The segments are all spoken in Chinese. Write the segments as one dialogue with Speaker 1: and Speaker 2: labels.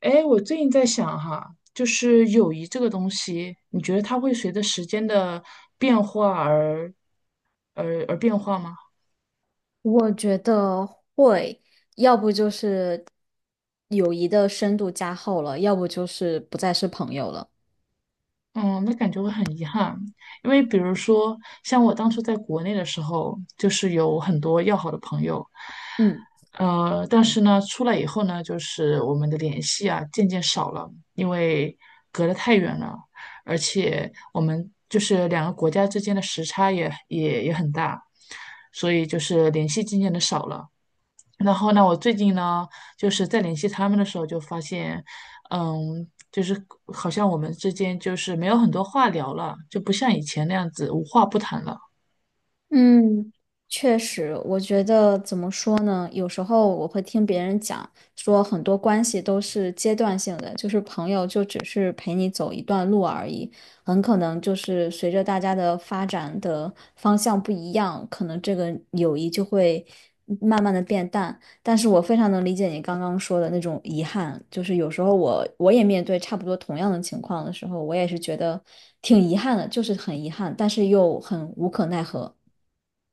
Speaker 1: 哎，我最近在想哈，就是友谊这个东西，你觉得它会随着时间的变化而变化吗？
Speaker 2: 我觉得会，要不就是友谊的深度加厚了，要不就是不再是朋友了。
Speaker 1: 嗯，那感觉会很遗憾，因为比如说，像我当初在国内的时候，就是有很多要好的朋友。
Speaker 2: 嗯。
Speaker 1: 但是呢，出来以后呢，就是我们的联系啊，渐渐少了，因为隔得太远了，而且我们就是两个国家之间的时差也很大，所以就是联系渐渐的少了。然后呢，我最近呢，就是在联系他们的时候，就发现，嗯，就是好像我们之间就是没有很多话聊了，就不像以前那样子无话不谈了。
Speaker 2: 嗯，确实，我觉得怎么说呢？有时候我会听别人讲，说很多关系都是阶段性的，就是朋友就只是陪你走一段路而已，很可能就是随着大家的发展的方向不一样，可能这个友谊就会慢慢的变淡。但是我非常能理解你刚刚说的那种遗憾，就是有时候我也面对差不多同样的情况的时候，我也是觉得挺遗憾的，就是很遗憾，但是又很无可奈何。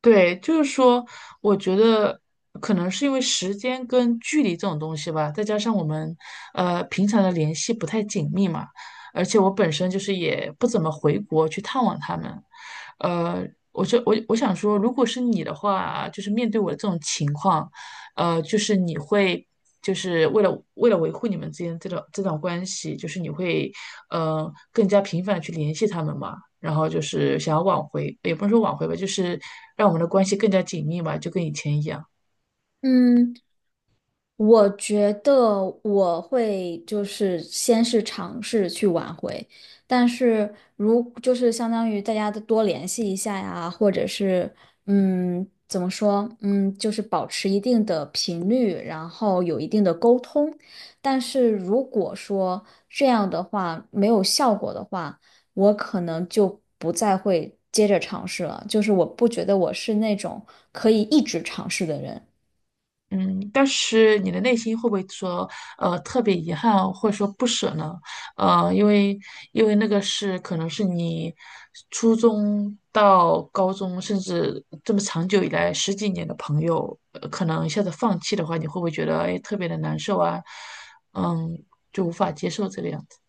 Speaker 1: 对，就是说，我觉得可能是因为时间跟距离这种东西吧，再加上我们平常的联系不太紧密嘛，而且我本身就是也不怎么回国去探望他们。呃，我就我想说，如果是你的话，就是面对我的这种情况，就是你会。就是为了维护你们之间这段关系，就是你会更加频繁的去联系他们嘛？然后就是想要挽回，也不是说挽回吧，就是让我们的关系更加紧密嘛，就跟以前一样。
Speaker 2: 嗯，我觉得我会就是先是尝试去挽回，但是如就是相当于大家都多联系一下呀，或者是嗯怎么说嗯就是保持一定的频率，然后有一定的沟通。但是如果说这样的话没有效果的话，我可能就不再会接着尝试了。就是我不觉得我是那种可以一直尝试的人。
Speaker 1: 嗯，但是你的内心会不会说，呃，特别遗憾或者说不舍呢？呃，因为因为那个是可能是你初中到高中，甚至这么长久以来十几年的朋友，呃可能一下子放弃的话，你会不会觉得哎特别的难受啊？嗯，就无法接受这个样子。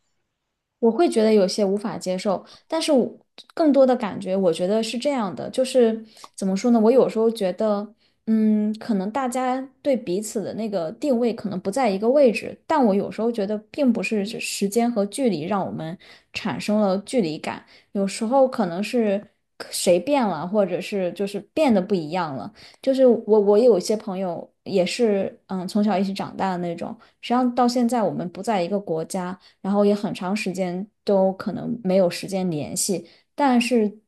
Speaker 2: 我会觉得有些无法接受，但是我更多的感觉，我觉得是这样的，就是怎么说呢？我有时候觉得，嗯，可能大家对彼此的那个定位可能不在一个位置，但我有时候觉得，并不是这时间和距离让我们产生了距离感，有时候可能是谁变了，或者是就是变得不一样了。就是我，我有一些朋友也是，嗯，从小一起长大的那种，实际上到现在我们不在一个国家。然后也很长时间都可能没有时间联系，但是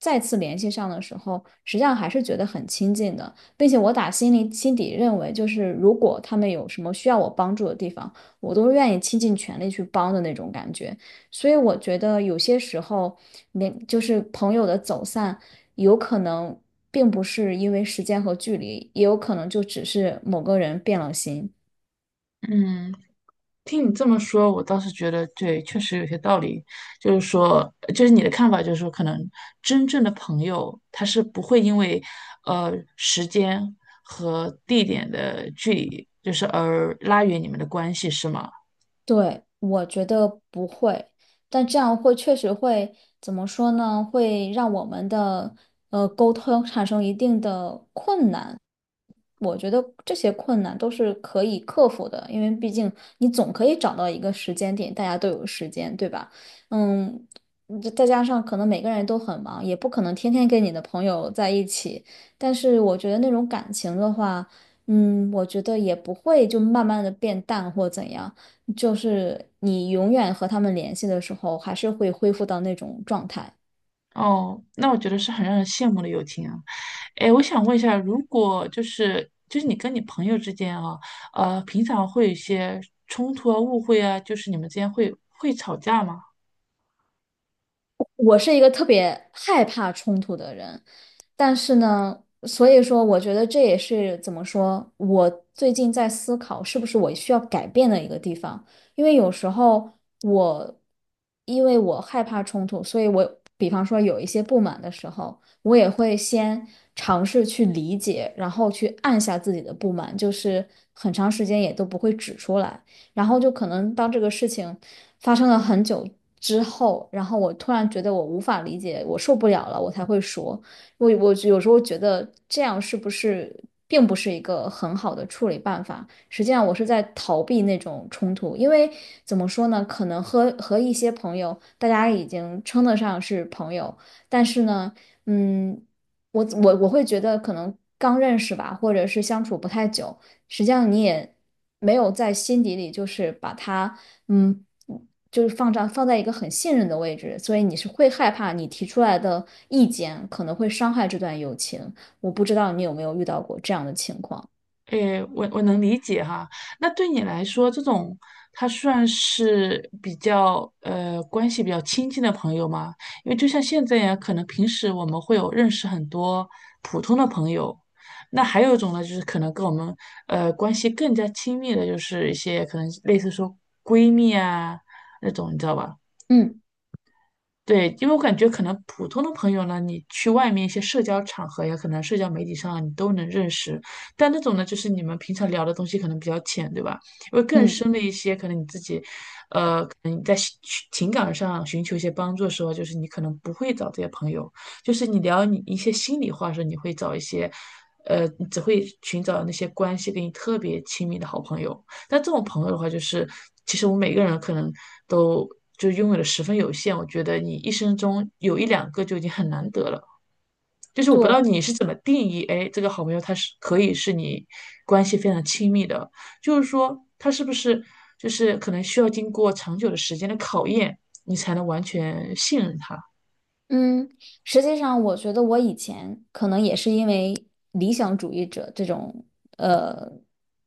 Speaker 2: 再次联系上的时候，实际上还是觉得很亲近的，并且我打心里心底认为，就是如果他们有什么需要我帮助的地方，我都是愿意倾尽全力去帮的那种感觉。所以我觉得有些时候，连就是朋友的走散，有可能并不是因为时间和距离，也有可能就只是某个人变了心。
Speaker 1: 嗯，听你这么说，我倒是觉得对，确实有些道理。就是说，就是你的看法，就是说，可能真正的朋友，他是不会因为时间和地点的距离，就是而拉远你们的关系，是吗？
Speaker 2: 对，我觉得不会，但这样会确实会怎么说呢？会让我们的沟通产生一定的困难。我觉得这些困难都是可以克服的，因为毕竟你总可以找到一个时间点，大家都有时间，对吧？嗯，这再加上可能每个人都很忙，也不可能天天跟你的朋友在一起。但是我觉得那种感情的话，嗯，我觉得也不会就慢慢的变淡或怎样。就是你永远和他们联系的时候，还是会恢复到那种状态。
Speaker 1: 哦，那我觉得是很让人羡慕的友情啊。哎，我想问一下，如果就是你跟你朋友之间啊，呃，平常会有一些冲突啊、误会啊，就是你们之间会吵架吗？
Speaker 2: 我是一个特别害怕冲突的人，但是呢，所以说我觉得这也是怎么说，我最近在思考是不是我需要改变的一个地方，因为有时候我因为我害怕冲突，所以我比方说有一些不满的时候，我也会先尝试去理解，然后去按下自己的不满，就是很长时间也都不会指出来。然后就可能当这个事情发生了很久之后，然后我突然觉得我无法理解，我受不了了，我才会说。我有时候觉得这样是不是并不是一个很好的处理办法？实际上我是在逃避那种冲突，因为怎么说呢，可能和一些朋友，大家已经称得上是朋友，但是呢，嗯，我会觉得可能刚认识吧，或者是相处不太久。实际上你也没有在心底里就是把他，嗯，就是放在一个很信任的位置，所以你是会害怕你提出来的意见可能会伤害这段友情。我不知道你有没有遇到过这样的情况。
Speaker 1: 诶，我能理解哈。那对你来说，这种他算是比较关系比较亲近的朋友吗？因为就像现在呀，可能平时我们会有认识很多普通的朋友，那还有一种呢，就是可能跟我们关系更加亲密的，就是一些可能类似说闺蜜啊那种，你知道吧？
Speaker 2: 嗯
Speaker 1: 对，因为我感觉可能普通的朋友呢，你去外面一些社交场合呀，可能社交媒体上啊你都能认识，但那种呢，就是你们平常聊的东西可能比较浅，对吧？因为更
Speaker 2: 嗯，
Speaker 1: 深的一些，可能你自己，可能你在寻情感上寻求一些帮助的时候，就是你可能不会找这些朋友，就是你聊你一些心里话的时候，你会找一些，呃，你只会寻找那些关系跟你特别亲密的好朋友。但这种朋友的话，就是其实我们每个人可能都就拥有的十分有限。我觉得你一生中有一两个就已经很难得了。就是我不知
Speaker 2: 对，
Speaker 1: 道你是怎么定义，哎，这个好朋友他是可以是你关系非常亲密的，就是说他是不是就是可能需要经过长久的时间的考验，你才能完全信任他。
Speaker 2: 嗯，实际上，我觉得我以前可能也是因为理想主义者这种呃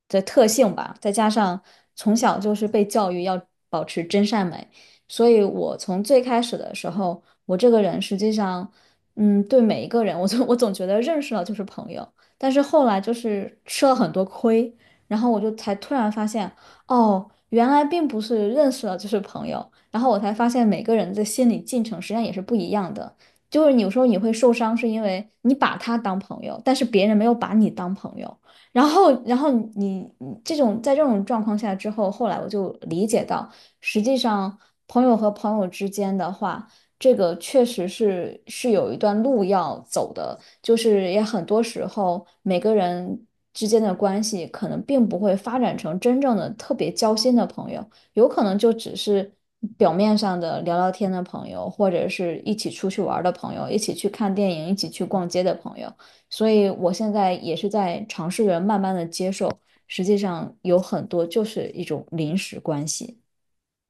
Speaker 2: 的特性吧，再加上从小就是被教育要保持真善美，所以我从最开始的时候，我这个人实际上，嗯，对每一个人，我总觉得认识了就是朋友，但是后来就是吃了很多亏，然后我就才突然发现。哦，原来并不是认识了就是朋友，然后我才发现每个人的心理进程实际上也是不一样的。就是你有时候你会受伤，是因为你把他当朋友，但是别人没有把你当朋友。然后你你这种在这种状况下之后，后来我就理解到，实际上朋友和朋友之间的话，这个确实是有一段路要走的。就是也很多时候每个人之间的关系可能并不会发展成真正的特别交心的朋友，有可能就只是表面上的聊聊天的朋友，或者是一起出去玩儿的朋友，一起去看电影，一起去逛街的朋友。所以我现在也是在尝试着慢慢的接受，实际上有很多就是一种临时关系。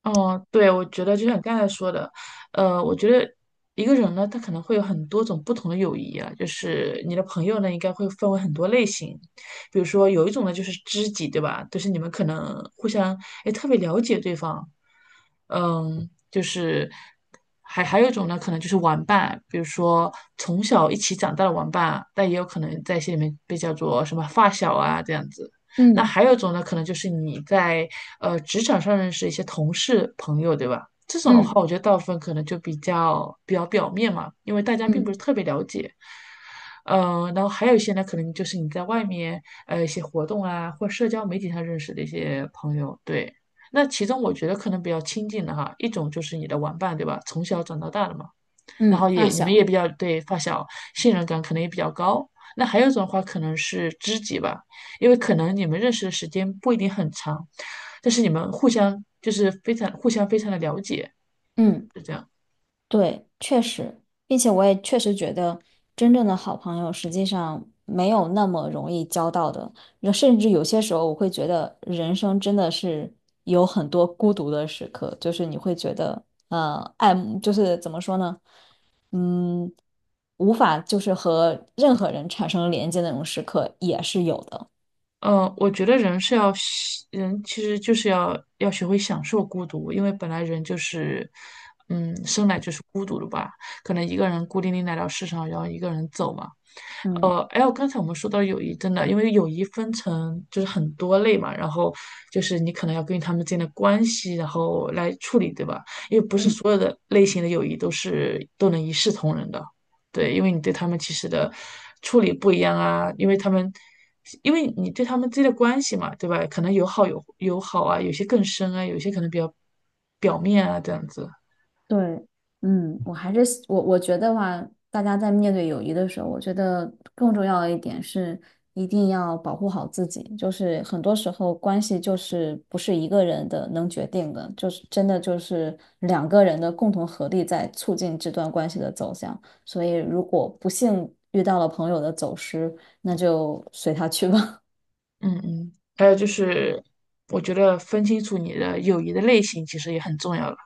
Speaker 1: 嗯，对，我觉得就像你刚才说的，呃，我觉得一个人呢，他可能会有很多种不同的友谊啊，就是你的朋友呢，应该会分为很多类型，比如说有一种呢就是知己，对吧？就是你们可能互相哎特别了解对方，嗯，就是还有一种呢，可能就是玩伴，比如说从小一起长大的玩伴，但也有可能在心里面被叫做什么发小啊这样子。那
Speaker 2: 嗯
Speaker 1: 还有一种呢，可能就是你在职场上认识一些同事朋友，对吧？这种的
Speaker 2: 嗯
Speaker 1: 话，我觉得大部分可能就比较表面嘛，因为大家并不
Speaker 2: 嗯
Speaker 1: 是特别了解。呃，然后还有一些呢，可能就是你在外面一些活动啊，或社交媒体上认识的一些朋友，对。那其中我觉得可能比较亲近的哈，一种就是你的玩伴，对吧？从小长到大的嘛。然
Speaker 2: 嗯，
Speaker 1: 后也
Speaker 2: 发
Speaker 1: 你们
Speaker 2: 小，
Speaker 1: 也比较对发小信任感可能也比较高。那还有一种的话可能是知己吧，因为可能你们认识的时间不一定很长，但是你们互相就是非常的了解，
Speaker 2: 嗯。
Speaker 1: 是这样。
Speaker 2: 对，确实，并且我也确实觉得，真正的好朋友实际上没有那么容易交到的，那甚至有些时候我会觉得人生真的是有很多孤独的时刻，就是你会觉得，爱慕就是怎么说呢，嗯，无法就是和任何人产生连接的那种时刻也是有的，
Speaker 1: 呃，我觉得人是要喜人其实就是要学会享受孤独，因为本来人就是，嗯，生来就是孤独的吧。可能一个人孤零零来到世上，然后一个人走嘛。
Speaker 2: 嗯。
Speaker 1: 呃，哎，我刚才我们说到友谊，真的，因为友谊分成就是很多类嘛，然后就是你可能要根据他们之间的关系，然后来处理，对吧？因为不是所有的类型的友谊都是都能一视同仁的，对，因为你对他们其实的处理不一样啊，因为他们，因为你对他们之间的关系嘛，对吧？可能有好有好啊，有些更深啊，有些可能比较表面啊，这样子。
Speaker 2: 对，嗯，我还是我觉得话，大家在面对友谊的时候，我觉得更重要的一点是，一定要保护好自己。就是很多时候关系就是不是一个人的能决定的，就是真的就是两个人的共同合力在促进这段关系的走向。所以，如果不幸遇到了朋友的走失，那就随他去吧。
Speaker 1: 嗯嗯，还有就是，我觉得分清楚你的友谊的类型其实也很重要了。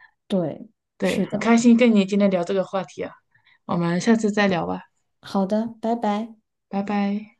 Speaker 2: 对，
Speaker 1: 对，
Speaker 2: 是
Speaker 1: 很
Speaker 2: 的，
Speaker 1: 开心跟你今天聊这个话题啊，我们下次再聊吧，
Speaker 2: 好的，拜拜。
Speaker 1: 拜拜。